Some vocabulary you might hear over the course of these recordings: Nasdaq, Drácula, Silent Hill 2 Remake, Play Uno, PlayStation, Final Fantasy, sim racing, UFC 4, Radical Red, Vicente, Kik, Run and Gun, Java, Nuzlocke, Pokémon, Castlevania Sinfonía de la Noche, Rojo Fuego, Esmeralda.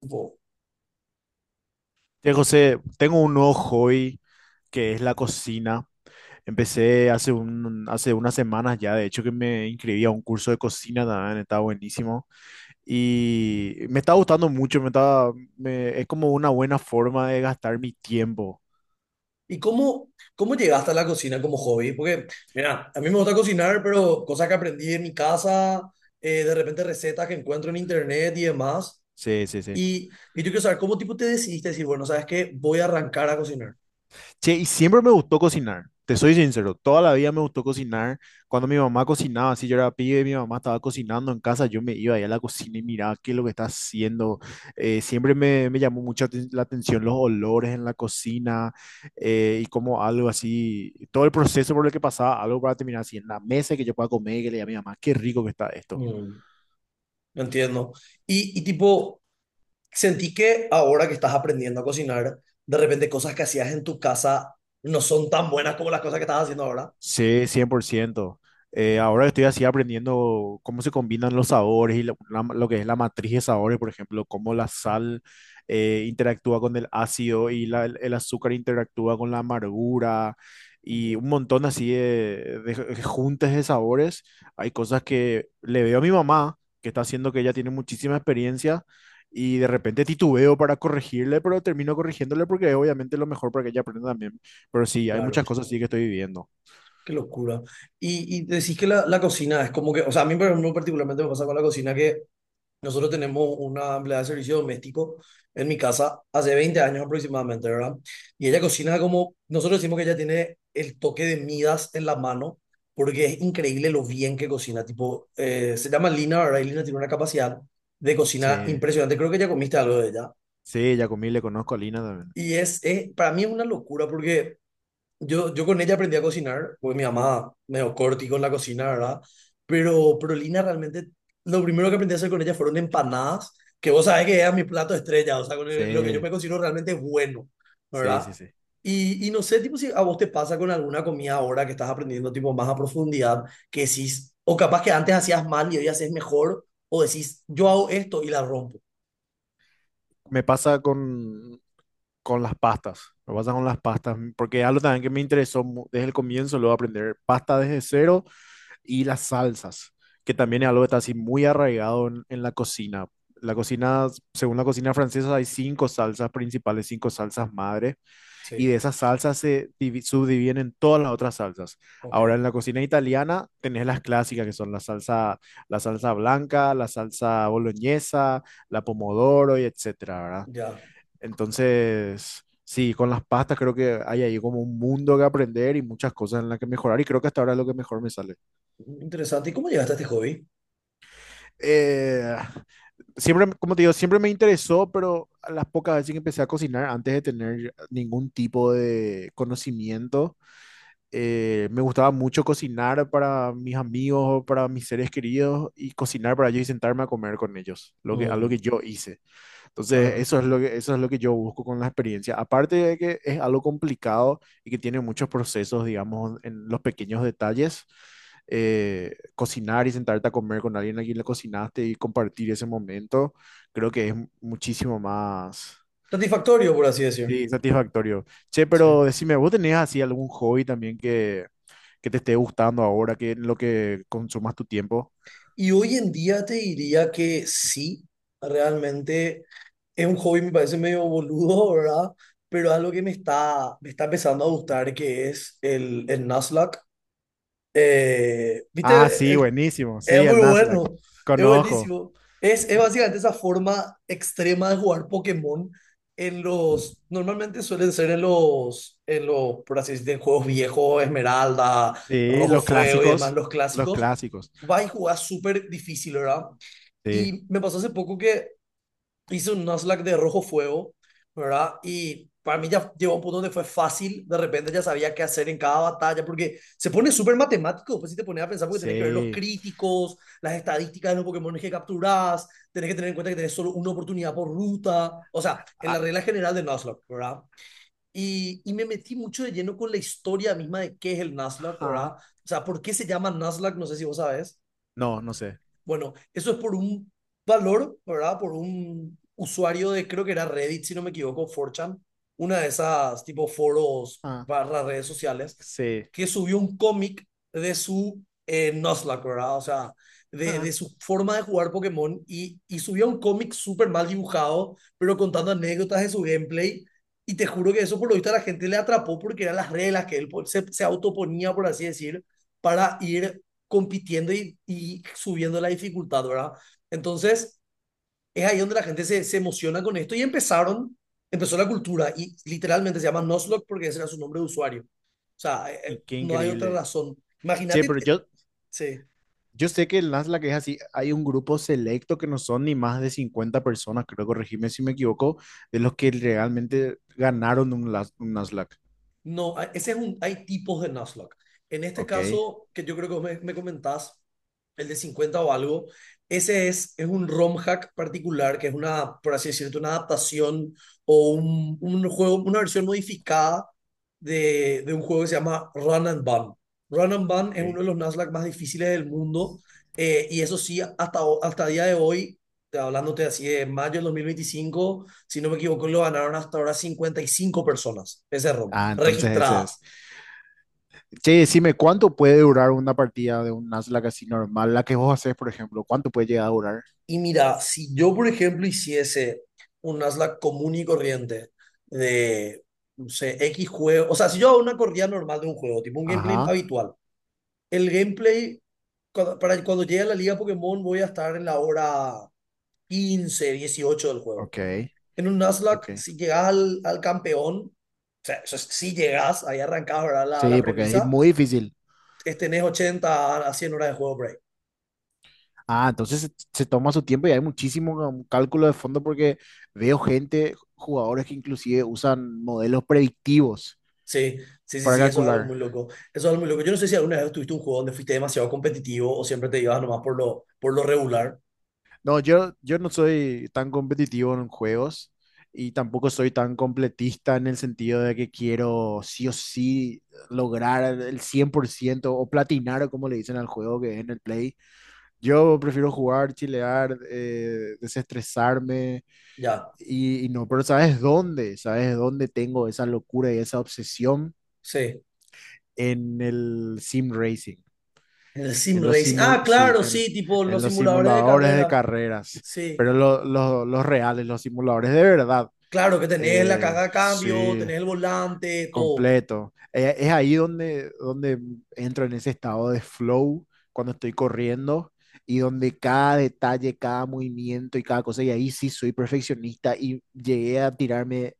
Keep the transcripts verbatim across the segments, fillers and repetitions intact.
Tiempo. Che, José, tengo un nuevo hobby que es la cocina. Empecé hace un, hace unas semanas ya, de hecho que me inscribí a un curso de cocina también, está buenísimo. Y me está gustando mucho, me está, me- es como una buena forma de gastar mi tiempo. ¿Y cómo, cómo llegaste a la cocina como hobby? Porque, mira, a mí me gusta cocinar, pero cosas que aprendí en mi casa, eh, de repente recetas que encuentro en internet y demás. Sí, sí, sí. Y, y yo quiero saber, ¿cómo tipo te decidiste decir, bueno, sabes qué, voy a arrancar a cocinar? Che, y siempre me gustó cocinar, te soy sincero, toda la vida me gustó cocinar. Cuando mi mamá cocinaba, si yo era pibe, mi mamá estaba cocinando en casa, yo me iba ahí a la cocina y miraba qué es lo que está haciendo. Eh, siempre me, me llamó mucho aten- la atención los olores en la cocina, eh, y como algo así, todo el proceso por el que pasaba, algo para terminar así en la mesa y que yo pueda comer y que le diga a mi mamá, qué rico que está esto. Mm, no entiendo. Y, y tipo, sentí que ahora que estás aprendiendo a cocinar, de repente cosas que hacías en tu casa no son tan buenas como las cosas que estás haciendo ahora. Sí, cien por ciento. Eh, ahora estoy así aprendiendo cómo se combinan los sabores y lo, la- lo que es la matriz de sabores, por ejemplo, cómo la sal eh, interactúa con el ácido y la- el, el azúcar interactúa con la amargura y Ujú. un montón así de, de- de juntes de sabores. Hay cosas que le veo a mi mamá, que está haciendo, que ella tiene muchísima experiencia y de repente titubeo para corregirle, pero termino corrigiéndole porque es obviamente lo mejor para que ella aprenda también. Pero sí, hay Claro. muchas cosas sí que estoy viviendo. Qué locura. Y, y decís que la, la cocina es como que, o sea, a mí por ejemplo, particularmente me pasa con la cocina que nosotros tenemos una empleada de servicio doméstico en mi casa hace veinte años aproximadamente, ¿verdad? Y ella cocina como, nosotros decimos que ella tiene el toque de Midas en la mano porque es increíble lo bien que cocina. Tipo, eh, se llama Lina, ¿verdad? Y Lina tiene una capacidad de cocina Sí, impresionante. Creo que ya comiste algo de ella. sí, Yacomí le conozco a Lina también. Y es, es para mí es una locura porque yo, yo con ella aprendí a cocinar, pues mi mamá medio corti con la cocina, ¿verdad? Pero, pero Lina realmente, lo primero que aprendí a hacer con ella fueron empanadas, que vos sabés que era mi plato estrella, o sea, con el- lo que yo Sí, me considero realmente bueno, sí, ¿verdad? sí, sí. Y, y no sé, tipo, si a vos te pasa con alguna comida ahora que estás aprendiendo, tipo, más a profundidad, que decís, o capaz que antes hacías mal y hoy haces mejor, o decís, yo hago esto y la rompo. Me pasa con, con las pastas. Me pasa con las pastas, porque algo también que me interesó mu- desde el comienzo, luego aprender pasta desde cero y las salsas, que también es Ajá. algo que está así muy arraigado en, en la cocina. La cocina, según la cocina francesa, hay cinco salsas principales, cinco salsas madres. Y Sí, de esas salsas se divi- subdividen en todas las otras salsas. ok, Ahora en la cocina italiana tenés las clásicas que son la salsa, la salsa blanca, la salsa boloñesa, la pomodoro y etcétera, ¿verdad? ya. Entonces, sí, con las pastas creo que hay ahí como un mundo que aprender y muchas cosas en las que mejorar, y creo que hasta ahora es lo que mejor me sale. Interesante. ¿Y cómo llegaste a este hobby? Eh, Siempre, como te digo, siempre me interesó, pero a las pocas veces que empecé a cocinar antes de tener ningún tipo de conocimiento, eh, me gustaba mucho cocinar para mis amigos o para mis seres queridos y cocinar para ellos y sentarme a comer con ellos, lo que, algo Mm, que yo hice. Entonces, claro. eso es lo que, eso es lo que yo busco con la experiencia. Aparte de que es algo complicado y que tiene muchos procesos, digamos, en los pequeños detalles, eh, cocinar y sentarte a comer con alguien a quien le cocinaste y compartir ese momento, creo que es muchísimo más... Satisfactorio, por así decir. Sí, satisfactorio. Che, Sí. pero decime, ¿vos tenés así algún hobby también que, que te esté gustando ahora, que en lo que consumas tu tiempo? Y hoy en día te diría que sí, realmente es un hobby, me parece medio boludo, ¿verdad? Pero algo que me está, me está empezando a gustar, que es el, el Nuzlocke. Eh, Ah, ¿viste sí, el? buenísimo. Sí, Es el muy Nasdaq. bueno, es Conozco. buenísimo. Es, es básicamente esa forma extrema de jugar Pokémon en los, normalmente suelen ser en los, en los, por así decirlo, en juegos viejos, Esmeralda, Sí, Rojo los Fuego y demás, clásicos. los Los clásicos. clásicos. Va y jugar súper difícil, ¿verdad? Sí, Y me pasó hace poco que hice un Nuzlocke de rojo fuego, ¿verdad? Y para mí ya llegó a un punto donde fue fácil, de repente ya sabía qué hacer en cada batalla, porque se pone súper matemático, pues si te pones a pensar, porque tenés que ver los sí. críticos, las estadísticas de los Pokémon que capturás, tenés que tener en cuenta que tenés solo una oportunidad por ruta, o sea, en la Ah, regla general de Nuzlocke, ¿verdad? Y, y, me metí mucho de lleno con la historia misma de qué es el Nuzlocke, ajá. ¿verdad? O sea, ¿por qué se llama Nuzlocke? No sé si vos sabes. No, no sé. Bueno, eso es por un valor, ¿verdad? Por un usuario de, creo que era Reddit, si no me equivoco, cuatro chan, una de esas tipo foros Ah, barra redes sociales, sí. que subió un cómic de su eh, Nuzlocke, ¿verdad? O sea, de, de Ah, su forma de jugar Pokémon y, y subió un cómic súper mal dibujado, pero contando anécdotas de su gameplay. Y te juro que eso por lo visto a la gente le atrapó porque eran las reglas que él pues, se, se autoponía, por así decir, para ir compitiendo y, y subiendo la dificultad, ¿verdad? Entonces, es ahí donde la gente se, se emociona con esto y empezaron, empezó la cultura y literalmente se llama Nuzlocke porque ese era su nombre de usuario. O sea, eh, y eh, qué no hay otra increíble. razón. Sí, Imagínate, pero eh, yo, sí. yo sé que el Nasdaq es así. Hay un grupo selecto que no son ni más de cincuenta personas, creo, corregime si me equivoco, de los que realmente ganaron un, Las- un Nasdaq. No, hay- ese es un, hay tipos de Nuzlocke. En este Ok, caso, que yo creo que me, me comentás, el de cincuenta o algo, ese es, es un ROM hack particular, que es una, por así decirlo, una adaptación o un, un juego, una versión modificada de, de un juego que se llama Run and Gun. Run and Gun ok. es uno de los Nuzlocke más difíciles del mundo, eh, y eso sí, hasta, ho- hasta el día de hoy, te- hablándote así de mayo del dos mil veinticinco si no me equivoco, lo ganaron hasta ahora cincuenta y cinco personas ese round, Ah, entonces ese es. registradas. Che, decime, ¿cuánto puede durar una partida de un Nuzlocke así normal? La que vos haces, por ejemplo, ¿cuánto puede llegar a durar? Y mira, si yo, por ejemplo, hiciese un Nasdaq común y corriente de, no sé, X juego, o sea, si yo hago una corrida normal de un juego, tipo un gameplay Ajá, habitual, el gameplay, cuando, para cuando llegue a la liga Pokémon voy a estar en la hora quince, dieciocho del juego. ok, En un Nasdaq, ok. si llegas al, al campeón, o sea, eso es, si llegas, ahí arrancás, ¿verdad? La, la Sí, porque es premisa, muy difícil. es tenés ochenta a cien horas de juego por ahí. Ah, entonces se, se toma su tiempo y hay muchísimo ca- cálculo de fondo porque veo gente, jugadores que inclusive usan modelos predictivos Sí, sí, sí, para sí, eso es algo calcular. muy loco. Eso es algo muy loco. Yo no sé si alguna vez tuviste un juego donde fuiste demasiado competitivo o siempre te ibas nomás por lo, por lo regular. No, yo, yo no soy tan competitivo en juegos y tampoco soy tan completista en el sentido de que quiero sí o sí lograr el cien por ciento o platinar, o como le dicen al juego que es en el Play. Yo prefiero jugar, chilear, eh, desestresarme Ya, y, y no, pero ¿sabes dónde? ¿Sabes dónde tengo esa locura y esa obsesión? sí. En el sim racing. En el sim en los racing. simul Ah, sí, claro, en, sí, tipo en los los simuladores de simuladores de carreras. carreras, Sí, pero lo- lo- los reales, los simuladores de verdad, claro que tenés la eh, caja de cambio, sí, tenés el volante, todo. completo. Eh, es ahí donde, donde entro en ese estado de flow cuando estoy corriendo, y donde cada detalle, cada movimiento y cada cosa, y ahí sí soy perfeccionista y llegué a tirarme,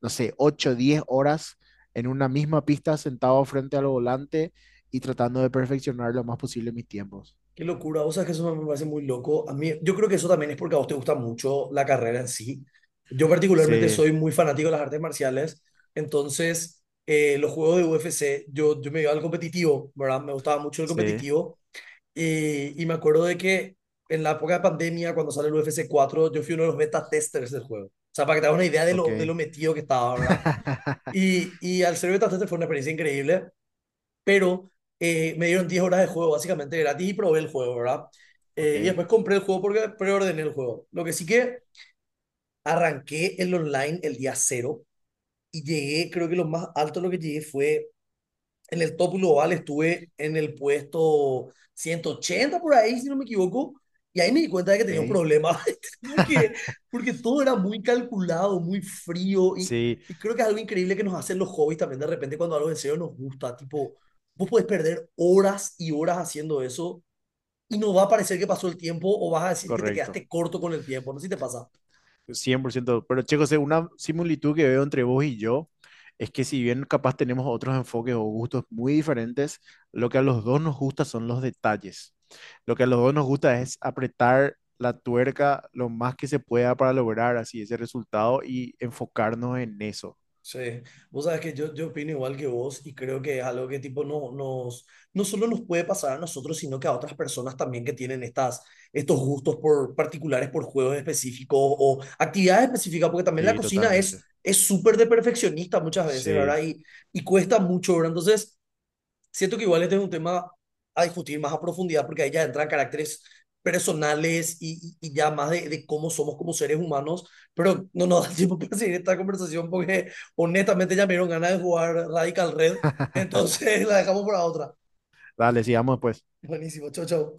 no sé, ocho diez horas en una misma pista sentado frente al volante y tratando de perfeccionar lo más posible mis tiempos. Qué locura, o sea que eso me parece muy loco. A mí, yo creo que eso también es porque a vos te gusta mucho la carrera en sí. Yo particularmente Sí, soy muy fanático de las artes marciales, entonces eh, los juegos de U F C, yo, yo me iba al competitivo, ¿verdad? Me gustaba mucho el sí, competitivo y, y me acuerdo de que en la época de pandemia, cuando sale el U F C cuatro, yo fui uno de los beta testers del juego. O sea, para que te hagas una idea de lo, de lo Ok. metido que estaba, ¿verdad? Y, y al ser beta tester fue una experiencia increíble pero eh, me dieron diez horas de juego básicamente gratis y probé el juego, ¿verdad? Ok, Eh, y después compré el juego porque preordené el juego. Lo que sí que arranqué el online el día cero y llegué, creo que lo más alto lo que llegué fue en el top global estuve en el puesto ciento ochenta por ahí, si no me equivoco, y ahí me di cuenta de que tenía un ok. problema, porque, porque todo era muy calculado, muy frío, y, Sí, y creo que es algo increíble que nos hacen los hobbies también de repente cuando algo en serio nos gusta, tipo, vos podés perder horas y horas haciendo eso y no va a parecer que pasó el tiempo o vas a decir que te correcto. quedaste corto con el tiempo, no sé si te pasa. Cien por ciento. Pero, che, José, una similitud que veo entre vos y yo es que, si bien capaz tenemos otros enfoques o gustos muy diferentes, lo que a los dos nos gusta son los detalles. Lo que a los dos nos gusta es apretar la tuerca lo más que se pueda para lograr así ese resultado y enfocarnos en eso. Sí, vos sabes que yo, yo opino igual que vos y creo que es algo que tipo no, nos, no solo nos puede pasar a nosotros, sino que a otras personas también que tienen estas, estos gustos por, particulares por juegos específicos o actividades específicas, porque también la Sí, cocina es totalmente. es súper de perfeccionista muchas veces, ¿verdad? Sí. Y, y cuesta mucho, ¿verdad? Entonces, siento que igual este es un tema a discutir más a profundidad porque ahí ya entran caracteres personales y, y- y ya más de, de cómo somos como seres humanos, pero no nos da tiempo para seguir esta conversación porque honestamente ya me dieron ganas de jugar Radical Red, entonces la dejamos para otra. Dale, sigamos después. Buenísimo, chau, chau.